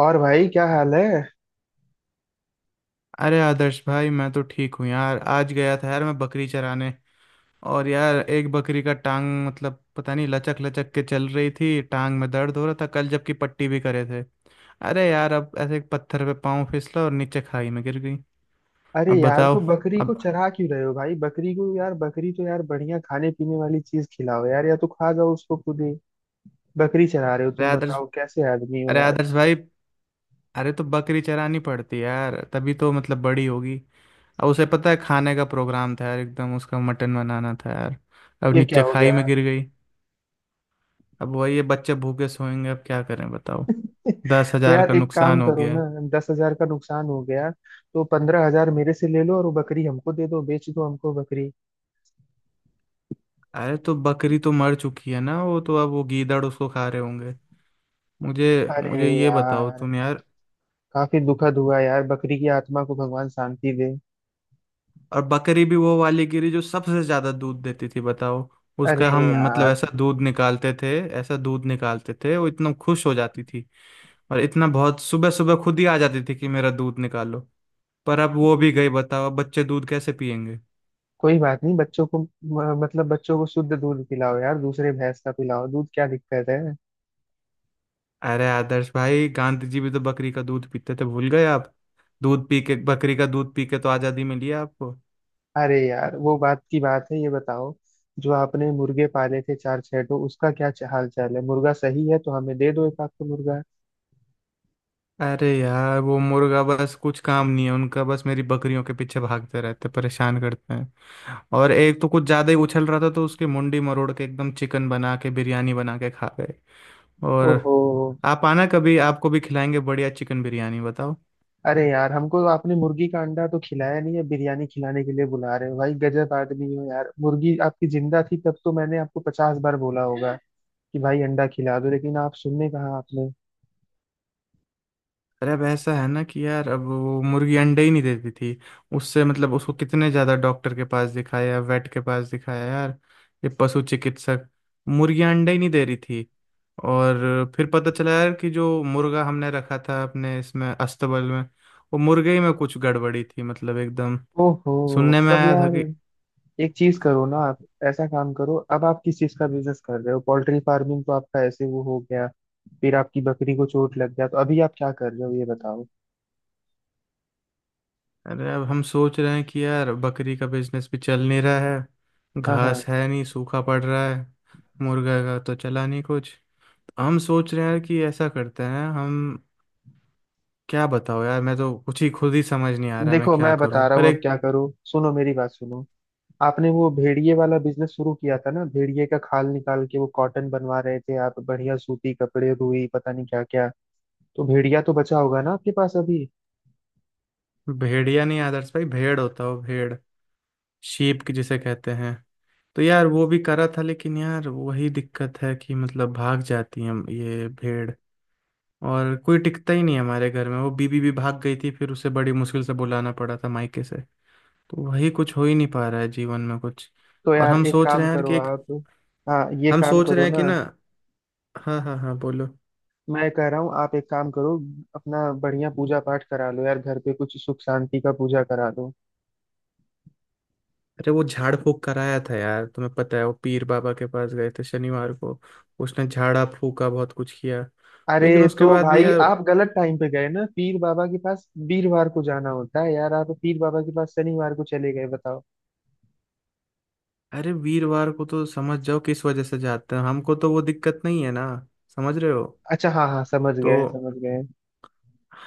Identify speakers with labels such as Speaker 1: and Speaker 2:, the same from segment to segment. Speaker 1: और भाई क्या हाल है?
Speaker 2: अरे आदर्श भाई, मैं तो ठीक हूँ यार। आज गया था यार मैं बकरी चराने। और यार एक बकरी का टांग मतलब पता नहीं, लचक लचक के चल रही थी। टांग में दर्द हो रहा था कल, जबकि पट्टी भी करे थे। अरे यार, अब ऐसे एक पत्थर पे पाँव फिसला और नीचे खाई में गिर गई।
Speaker 1: अरे
Speaker 2: अब
Speaker 1: यार,
Speaker 2: बताओ।
Speaker 1: तो बकरी को
Speaker 2: अब
Speaker 1: चरा क्यों रहे हो भाई? बकरी को यार, बकरी तो यार बढ़िया खाने पीने वाली चीज खिलाओ यार, या तो खा जाओ उसको खुद ही। बकरी चरा रहे हो
Speaker 2: अरे
Speaker 1: तुम,
Speaker 2: आदर्श
Speaker 1: बताओ कैसे आदमी हो
Speaker 2: अरे
Speaker 1: यार।
Speaker 2: आदर्श भाई, अरे तो बकरी चरानी पड़ती है यार, तभी तो मतलब बड़ी होगी। अब उसे पता है खाने का प्रोग्राम था यार, एकदम उसका मटन बनाना था यार। अब
Speaker 1: ये क्या
Speaker 2: नीचे
Speaker 1: हो
Speaker 2: खाई
Speaker 1: गया?
Speaker 2: में गिर गई। अब वही, ये बच्चे भूखे सोएंगे, अब क्या करें बताओ। दस
Speaker 1: तो
Speaker 2: हजार
Speaker 1: यार
Speaker 2: का
Speaker 1: एक काम
Speaker 2: नुकसान हो
Speaker 1: करो
Speaker 2: गया
Speaker 1: ना।
Speaker 2: है।
Speaker 1: 10,000 का नुकसान हो गया? तो 15,000 मेरे से ले लो और वो बकरी हमको दे दो, बेच दो हमको बकरी।
Speaker 2: अरे तो बकरी तो मर चुकी है ना, वो तो अब वो गीदड़ उसको खा रहे होंगे। मुझे
Speaker 1: अरे
Speaker 2: मुझे ये बताओ
Speaker 1: यार,
Speaker 2: तुम यार।
Speaker 1: काफी दुखद हुआ यार, बकरी की आत्मा को भगवान शांति दे।
Speaker 2: और बकरी भी वो वाली गिरी जो सबसे ज्यादा दूध देती थी, बताओ। उसका
Speaker 1: अरे
Speaker 2: हम मतलब
Speaker 1: यार,
Speaker 2: ऐसा दूध निकालते थे, ऐसा दूध निकालते थे, वो इतना खुश हो जाती थी। और इतना, बहुत सुबह सुबह खुद ही आ जाती थी कि मेरा दूध निकालो। पर अब वो भी गई, बताओ अब बच्चे दूध कैसे पियेंगे।
Speaker 1: कोई बात नहीं, बच्चों को मतलब बच्चों को शुद्ध दूध पिलाओ यार, दूसरे भैंस का पिलाओ दूध, क्या दिक्कत है?
Speaker 2: अरे आदर्श भाई, गांधी जी भी तो बकरी का दूध पीते थे, भूल गए आप। दूध पी के, बकरी का दूध पी के तो आजादी मिली है आपको।
Speaker 1: अरे यार वो बात की बात है, ये बताओ, जो आपने मुर्गे पाले थे चार छह, तो उसका क्या हाल चाल है? मुर्गा सही है तो हमें दे दो एक आध तो मुर्गा।
Speaker 2: अरे यार, वो मुर्गा बस, कुछ काम नहीं है उनका, बस मेरी बकरियों के पीछे भागते रहते, परेशान करते हैं। और एक तो कुछ ज्यादा ही उछल रहा था, तो उसकी मुंडी मरोड़ के एकदम चिकन बना के बिरयानी बना के खा गए। और
Speaker 1: ओहो।
Speaker 2: आप आना कभी, आपको भी खिलाएंगे बढ़िया चिकन बिरयानी, बताओ।
Speaker 1: अरे यार, हमको तो आपने मुर्गी का अंडा तो खिलाया नहीं है, बिरयानी खिलाने के लिए बुला रहे हो भाई? गजब आदमी हो यार। मुर्गी आपकी जिंदा थी तब तो मैंने आपको 50 बार बोला होगा कि भाई अंडा खिला दो, लेकिन आप सुनने कहा आपने?
Speaker 2: अरे अब ऐसा है ना कि यार, अब वो मुर्गी अंडे ही नहीं देती थी। उससे मतलब उसको कितने ज़्यादा डॉक्टर के पास दिखाया, वेट के पास दिखाया यार, ये पशु चिकित्सक। मुर्गियाँ अंडे ही नहीं दे रही थी। और फिर पता चला यार कि जो मुर्गा हमने रखा था अपने इसमें अस्तबल में, वो मुर्गे ही में कुछ गड़बड़ी थी, मतलब एकदम
Speaker 1: ओहो
Speaker 2: सुनने में
Speaker 1: तब
Speaker 2: आया था कि।
Speaker 1: यार, एक चीज करो ना आप। ऐसा काम करो, अब आप किस चीज का बिजनेस कर रहे हो? पोल्ट्री फार्मिंग तो आपका ऐसे वो हो गया, फिर आपकी बकरी को चोट लग गया, तो अभी आप क्या कर रहे हो ये बताओ।
Speaker 2: अरे अब हम सोच रहे हैं कि यार बकरी का बिजनेस भी चल नहीं रहा है,
Speaker 1: हाँ हाँ।
Speaker 2: घास है नहीं, सूखा पड़ रहा है। मुर्गा का तो चला नहीं कुछ। हम सोच रहे हैं यार कि ऐसा करते हैं हम। क्या बताओ यार, मैं तो कुछ ही खुद ही समझ नहीं आ रहा मैं
Speaker 1: देखो
Speaker 2: क्या
Speaker 1: मैं बता
Speaker 2: करूं,
Speaker 1: रहा
Speaker 2: पर
Speaker 1: हूँ, अब
Speaker 2: एक।
Speaker 1: क्या करो, सुनो मेरी बात सुनो। आपने वो भेड़िए वाला बिजनेस शुरू किया था ना, भेड़िए का खाल निकाल के वो कॉटन बनवा रहे थे आप, बढ़िया सूती कपड़े, रुई, पता नहीं क्या क्या। तो भेड़िया तो बचा होगा ना आपके पास अभी?
Speaker 2: भेड़िया नहीं आदर्श भाई, भेड़ होता हो भेड़, शीप की जिसे कहते हैं। तो यार वो भी करा था, लेकिन यार वही दिक्कत है कि मतलब भाग जाती है ये भेड़। और कोई टिकता ही नहीं है हमारे घर में, वो बीबी भी भाग गई थी, फिर उसे बड़ी मुश्किल से बुलाना पड़ा था मायके से। तो वही, कुछ हो ही नहीं पा रहा है जीवन में कुछ।
Speaker 1: तो
Speaker 2: और
Speaker 1: यार
Speaker 2: हम
Speaker 1: एक
Speaker 2: सोच रहे
Speaker 1: काम
Speaker 2: हैं यार कि
Speaker 1: करो
Speaker 2: एक,
Speaker 1: आप। हाँ, ये
Speaker 2: हम
Speaker 1: काम
Speaker 2: सोच रहे
Speaker 1: करो
Speaker 2: हैं
Speaker 1: ना।
Speaker 2: कि ना। हाँ हाँ हाँ बोलो।
Speaker 1: मैं कह रहा हूँ, आप एक काम करो। अपना बढ़िया पूजा पाठ करा लो यार, घर पे कुछ सुख शांति का पूजा करा लो।
Speaker 2: अरे वो झाड़ फूक कराया था यार, तुम्हें पता है, वो पीर बाबा के पास गए थे शनिवार को। उसने झाड़ा फूका बहुत कुछ किया। लेकिन
Speaker 1: अरे
Speaker 2: उसके
Speaker 1: तो
Speaker 2: बाद भी
Speaker 1: भाई
Speaker 2: यार।
Speaker 1: आप गलत टाइम पे गए ना पीर बाबा के पास, वीरवार को जाना होता है यार, आप पीर बाबा के पास शनिवार को चले गए बताओ।
Speaker 2: अरे वीरवार को तो समझ जाओ किस वजह से जाते हैं, हमको तो वो दिक्कत नहीं है ना, समझ रहे हो।
Speaker 1: अच्छा, हाँ हाँ, समझ
Speaker 2: तो
Speaker 1: गए समझ गए।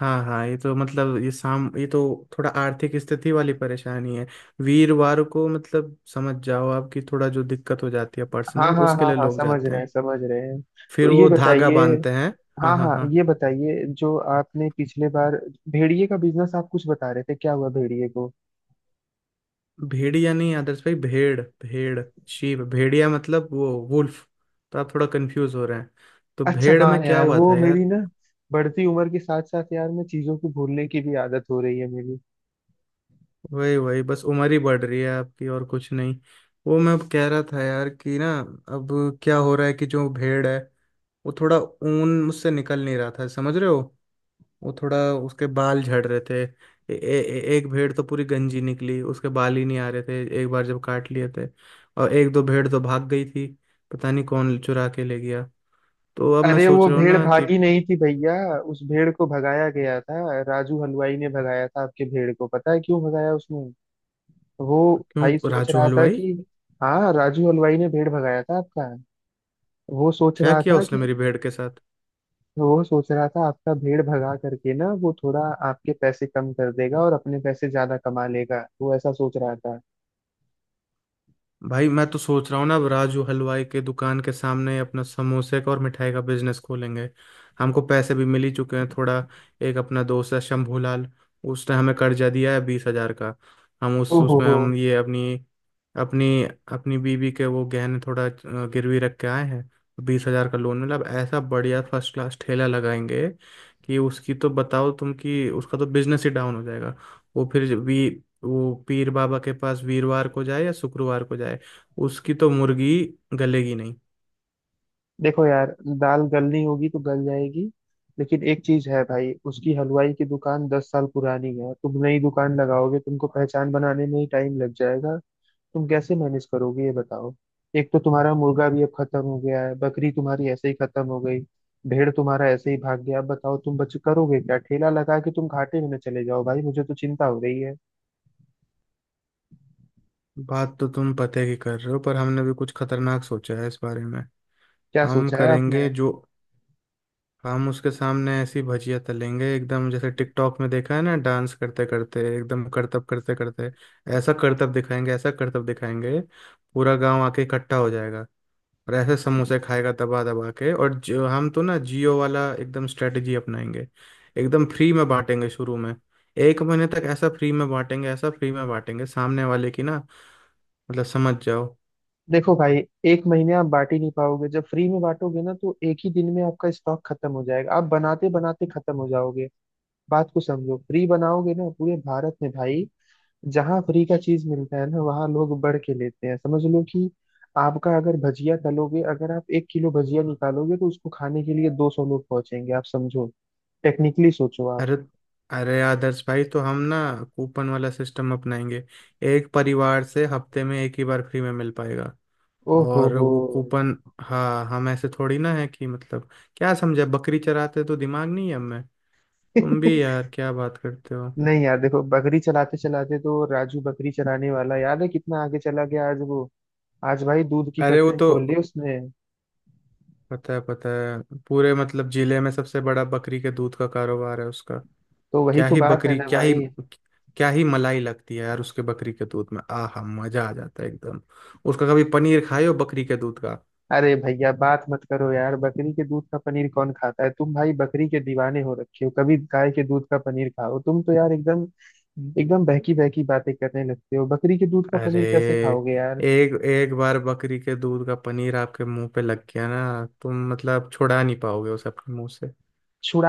Speaker 2: हाँ हाँ, ये तो मतलब ये साम ये तो थोड़ा आर्थिक स्थिति वाली परेशानी है। वीरवार को मतलब समझ जाओ आपकी थोड़ा जो दिक्कत हो जाती है
Speaker 1: हाँ
Speaker 2: पर्सनल,
Speaker 1: हाँ
Speaker 2: उसके
Speaker 1: हाँ
Speaker 2: लिए
Speaker 1: हाँ,
Speaker 2: लोग
Speaker 1: समझ
Speaker 2: जाते
Speaker 1: रहे हैं
Speaker 2: हैं।
Speaker 1: समझ रहे हैं।
Speaker 2: फिर
Speaker 1: तो ये
Speaker 2: वो धागा
Speaker 1: बताइए,
Speaker 2: बांधते हैं। हाँ
Speaker 1: हाँ
Speaker 2: हाँ
Speaker 1: हाँ
Speaker 2: हाँ।
Speaker 1: ये बताइए, जो आपने पिछले बार भेड़िए का बिजनेस आप कुछ बता रहे थे, क्या हुआ भेड़िए को?
Speaker 2: भेड़िया नहीं आदर्श भाई, भेड़ भेड़, शीप, भेड़िया मतलब वो वुल्फ। तो आप थोड़ा कंफ्यूज हो रहे हैं। तो
Speaker 1: अच्छा
Speaker 2: भेड़ में
Speaker 1: हाँ
Speaker 2: क्या
Speaker 1: यार,
Speaker 2: हुआ
Speaker 1: वो
Speaker 2: था
Speaker 1: मेरी
Speaker 2: यार।
Speaker 1: ना बढ़ती उम्र के साथ साथ यार, मैं चीजों को भूलने की भी आदत हो रही है मेरी।
Speaker 2: वही वही बस उम्र ही बढ़ रही है आपकी और कुछ नहीं। वो मैं अब कह रहा था यार कि ना, अब क्या हो रहा है कि जो भेड़ है वो थोड़ा ऊन मुझसे निकल नहीं रहा था, समझ रहे हो। वो थोड़ा, उसके बाल झड़ रहे थे। ए, ए, ए- एक भेड़ तो पूरी गंजी निकली, उसके बाल ही नहीं आ रहे थे एक बार जब काट लिए थे। और एक दो भेड़ तो भाग गई थी, पता नहीं कौन चुरा के ले गया। तो अब मैं
Speaker 1: अरे
Speaker 2: सोच
Speaker 1: वो
Speaker 2: रहा हूँ
Speaker 1: भेड़
Speaker 2: ना कि।
Speaker 1: भागी नहीं थी भैया, उस भेड़ को भगाया गया था, राजू हलवाई ने भगाया था आपके भेड़ को, पता है क्यों भगाया उसने? वो भाई
Speaker 2: क्यों
Speaker 1: सोच
Speaker 2: राजू
Speaker 1: रहा था
Speaker 2: हलवाई?
Speaker 1: कि, हाँ राजू हलवाई ने भेड़ भगाया था आपका। वो सोच
Speaker 2: क्या
Speaker 1: रहा
Speaker 2: किया
Speaker 1: था कि,
Speaker 2: उसने मेरी भेड़ के साथ?
Speaker 1: वो सोच रहा था आपका भेड़ भगा करके ना, वो थोड़ा आपके पैसे कम कर देगा और अपने पैसे ज्यादा कमा लेगा, वो ऐसा सोच रहा था।
Speaker 2: भाई मैं तो सोच रहा हूँ ना, अब राजू हलवाई के दुकान के सामने अपना समोसे का और मिठाई का बिजनेस खोलेंगे। हमको पैसे भी मिल ही चुके हैं थोड़ा। एक अपना दोस्त है शंभूलाल, उसने हमें कर्जा दिया है 20,000 का। हम उस
Speaker 1: ओहो
Speaker 2: उसमें
Speaker 1: हो,
Speaker 2: हम ये अपनी, अपनी अपनी बीवी के वो गहने थोड़ा गिरवी रख के आए हैं। 20,000 का लोन मिला, अब ऐसा बढ़िया फर्स्ट क्लास ठेला लगाएंगे कि उसकी तो, बताओ तुम, कि उसका तो बिजनेस ही डाउन हो जाएगा। वो फिर भी, वो पीर बाबा के पास वीरवार को जाए या शुक्रवार को जाए, उसकी तो मुर्गी गलेगी नहीं।
Speaker 1: देखो यार, दाल गलनी होगी तो गल जाएगी। लेकिन एक चीज है भाई, उसकी हलवाई की दुकान 10 साल पुरानी है, तुम नई दुकान लगाओगे, तुमको पहचान बनाने में ही टाइम लग जाएगा। तुम कैसे मैनेज करोगे ये बताओ। एक तो तुम्हारा मुर्गा भी अब खत्म हो गया है, बकरी तुम्हारी ऐसे ही खत्म हो गई, भेड़ तुम्हारा ऐसे ही भाग गया, अब बताओ तुम बच करोगे क्या? ठेला लगा के तुम घाटे में न चले जाओ भाई, मुझे तो चिंता हो रही है।
Speaker 2: बात तो तुम पते की कर रहे हो, पर हमने भी कुछ खतरनाक सोचा है इस बारे में।
Speaker 1: क्या
Speaker 2: हम
Speaker 1: सोचा है आपने?
Speaker 2: करेंगे जो, हम उसके सामने ऐसी भजिया तलेंगे एकदम, जैसे टिकटॉक में देखा है ना, डांस करते करते एकदम करतब करते करते, ऐसा करतब दिखाएंगे, ऐसा करतब दिखाएंगे, पूरा गांव आके इकट्ठा हो जाएगा। और ऐसे समोसे खाएगा दबा दबा के। और जो हम तो ना जियो वाला एकदम स्ट्रेटजी अपनाएंगे, एकदम फ्री में बांटेंगे शुरू में। एक महीने तक ऐसा फ्री में बांटेंगे, ऐसा फ्री में बांटेंगे सामने वाले की ना, मतलब समझ जाओ।
Speaker 1: देखो भाई, एक महीने आप बांट ही नहीं पाओगे, जब फ्री में बांटोगे ना तो एक ही दिन में आपका स्टॉक खत्म हो जाएगा, आप बनाते बनाते खत्म हो जाओगे। बात को समझो, फ्री बनाओगे ना पूरे भारत में भाई, जहाँ फ्री का चीज मिलता है ना वहाँ लोग बढ़ के लेते हैं, समझ लो कि आपका अगर भजिया तलोगे, अगर आप 1 किलो भजिया निकालोगे तो उसको खाने के लिए 200 लोग पहुंचेंगे, आप समझो, टेक्निकली सोचो आप।
Speaker 2: अरे अरे आदर्श भाई, तो हम ना कूपन वाला सिस्टम अपनाएंगे। एक परिवार से हफ्ते में एक ही बार फ्री में मिल पाएगा।
Speaker 1: ओ हो
Speaker 2: और
Speaker 1: हो।
Speaker 2: वो कूपन, हाँ हम ऐसे थोड़ी ना है कि मतलब, क्या समझा, बकरी चराते तो दिमाग नहीं है हमें, तुम भी यार क्या बात करते हो।
Speaker 1: नहीं यार, देखो बकरी चलाते चलाते तो राजू, बकरी चलाने वाला याद है, कितना आगे चला गया आज वो। आज भाई दूध की
Speaker 2: अरे वो
Speaker 1: फैक्ट्री
Speaker 2: तो,
Speaker 1: खोल ली उसने।
Speaker 2: पता है पता है, पूरे मतलब जिले में सबसे बड़ा बकरी के दूध का कारोबार है उसका।
Speaker 1: तो वही
Speaker 2: क्या
Speaker 1: तो
Speaker 2: ही
Speaker 1: बात है
Speaker 2: बकरी,
Speaker 1: ना
Speaker 2: क्या ही,
Speaker 1: भाई।
Speaker 2: क्या ही मलाई लगती है यार उसके बकरी के दूध में, आहा मजा आ जाता है एकदम। उसका कभी पनीर खाए हो बकरी के दूध का?
Speaker 1: अरे भैया बात मत करो यार, बकरी के दूध का पनीर कौन खाता है? तुम भाई बकरी के दीवाने हो रखे हो, कभी गाय के दूध का पनीर खाओ तुम तो यार, एकदम एकदम बहकी बहकी बातें करने लगते हो, बकरी के दूध का
Speaker 2: अरे
Speaker 1: पनीर कैसे खाओगे यार?
Speaker 2: एक एक बार बकरी के दूध का पनीर आपके मुंह पे लग गया ना, तुम मतलब छुड़ा नहीं पाओगे उसे अपने मुंह से।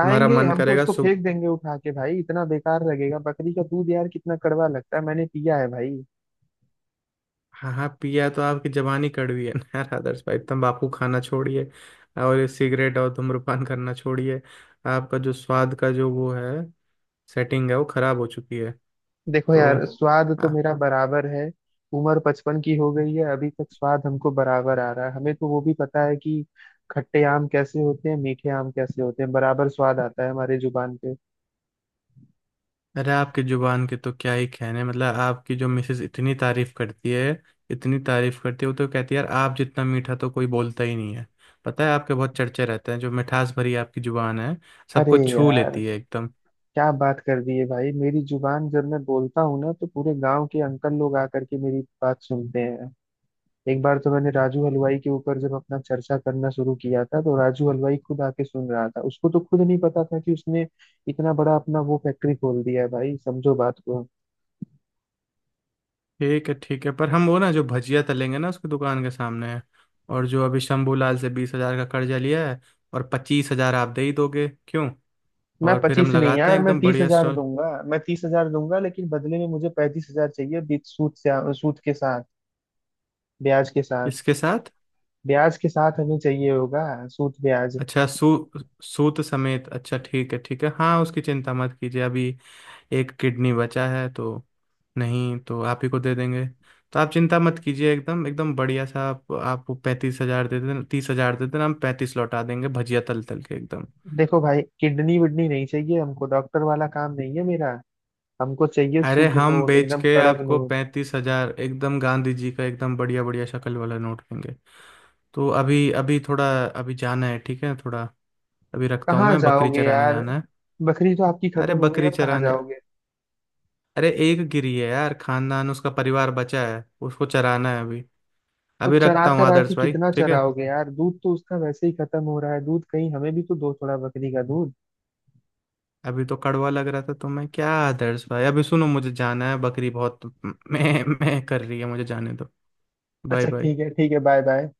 Speaker 2: तुम्हारा मन
Speaker 1: हम तो,
Speaker 2: करेगा।
Speaker 1: उसको फेंक देंगे उठा के भाई, इतना बेकार लगेगा, बकरी का दूध यार कितना कड़वा लगता है, मैंने पिया है भाई।
Speaker 2: हाँ हाँ पिया तो, आपकी जबानी कड़वी है ना यार आदर्श भाई, तंबाकू खाना छोड़िए, और ये सिगरेट और धूम्रपान करना छोड़िए। आपका जो स्वाद का जो वो है, सेटिंग है, वो खराब हो चुकी है।
Speaker 1: देखो
Speaker 2: तो
Speaker 1: यार, स्वाद तो
Speaker 2: आ,
Speaker 1: मेरा बराबर है। उम्र बचपन की हो गई है, अभी तक स्वाद हमको बराबर आ रहा है, हमें तो वो भी पता है कि खट्टे आम कैसे होते हैं, मीठे आम कैसे होते हैं, बराबर स्वाद आता है हमारे जुबान पे।
Speaker 2: अरे आपकी जुबान के तो क्या ही कहने, मतलब आपकी जो मिसेज इतनी तारीफ करती है, इतनी तारीफ करती है, वो तो कहती है यार आप जितना मीठा तो कोई बोलता ही नहीं है। पता है आपके बहुत चर्चे रहते हैं, जो मिठास भरी आपकी जुबान है,
Speaker 1: अरे
Speaker 2: सबको छू
Speaker 1: यार,
Speaker 2: लेती है एकदम।
Speaker 1: क्या बात कर दी है भाई, मेरी जुबान जब मैं बोलता हूँ ना, तो पूरे गांव के अंकल लोग आकर के मेरी बात सुनते हैं। एक बार तो मैंने राजू हलवाई के ऊपर जब अपना चर्चा करना शुरू किया था, तो राजू हलवाई खुद आके सुन रहा था, उसको तो खुद नहीं पता था कि उसने इतना बड़ा अपना वो फैक्ट्री खोल दिया है, भाई समझो बात को।
Speaker 2: ठीक है ठीक है, पर हम वो ना जो भजिया तलेंगे ना उसकी दुकान के सामने है। और जो अभी शंभूलाल से 20,000 का कर्जा लिया है, और 25,000 आप दे ही दोगे क्यों।
Speaker 1: मैं
Speaker 2: और फिर हम
Speaker 1: 25 नहीं
Speaker 2: लगाते
Speaker 1: यार,
Speaker 2: हैं
Speaker 1: मैं
Speaker 2: एकदम
Speaker 1: तीस
Speaker 2: बढ़िया
Speaker 1: हजार
Speaker 2: स्टॉल
Speaker 1: दूंगा, मैं 30,000 दूंगा, लेकिन बदले में मुझे 35,000 चाहिए बीच सूद से। सूद के साथ, ब्याज के साथ।
Speaker 2: इसके साथ।
Speaker 1: ब्याज के साथ हमें चाहिए होगा। सूद ब्याज।
Speaker 2: अच्छा सू सूत समेत, अच्छा ठीक है ठीक है, हाँ उसकी चिंता मत कीजिए अभी। एक किडनी बचा है तो, नहीं तो आप ही को दे देंगे। तो आप चिंता मत कीजिए, एकदम एकदम बढ़िया सा, आप आपको 35,000 दे देना, 30,000 दे देना, हम 35 लौटा देंगे भजिया तल तल के एकदम।
Speaker 1: देखो भाई, किडनी विडनी नहीं चाहिए हमको, डॉक्टर वाला काम नहीं है मेरा। हमको चाहिए
Speaker 2: अरे
Speaker 1: शुद्ध
Speaker 2: हम
Speaker 1: नोट,
Speaker 2: बेच
Speaker 1: एकदम
Speaker 2: के
Speaker 1: कड़क
Speaker 2: आपको
Speaker 1: नोट।
Speaker 2: 35,000 एकदम गांधी जी का एकदम बढ़िया बढ़िया शक्ल वाला नोट देंगे। तो अभी अभी थोड़ा, अभी जाना है ठीक है थोड़ा, अभी रखता हूँ,
Speaker 1: कहाँ
Speaker 2: मैं बकरी
Speaker 1: जाओगे
Speaker 2: चराने
Speaker 1: यार?
Speaker 2: जाना है।
Speaker 1: बकरी तो आपकी खत्म
Speaker 2: अरे
Speaker 1: हो गई,
Speaker 2: बकरी
Speaker 1: अब कहाँ
Speaker 2: चराने,
Speaker 1: जाओगे?
Speaker 2: अरे एक गिरी है यार, खानदान उसका परिवार बचा है, उसको चराना है अभी।
Speaker 1: तो
Speaker 2: अभी
Speaker 1: चरा
Speaker 2: रखता हूँ
Speaker 1: चरा के
Speaker 2: आदर्श भाई,
Speaker 1: कितना
Speaker 2: ठीक है।
Speaker 1: चराओगे यार, दूध तो उसका वैसे ही खत्म हो रहा है, दूध कहीं हमें भी तो दो थोड़ा बकरी का दूध।
Speaker 2: अभी तो कड़वा लग रहा था, तो मैं क्या आदर्श भाई अभी, सुनो मुझे जाना है, बकरी बहुत मैं कर रही है, मुझे जाने दो। बाय
Speaker 1: अच्छा,
Speaker 2: बाय।
Speaker 1: ठीक है ठीक है, बाय बाय।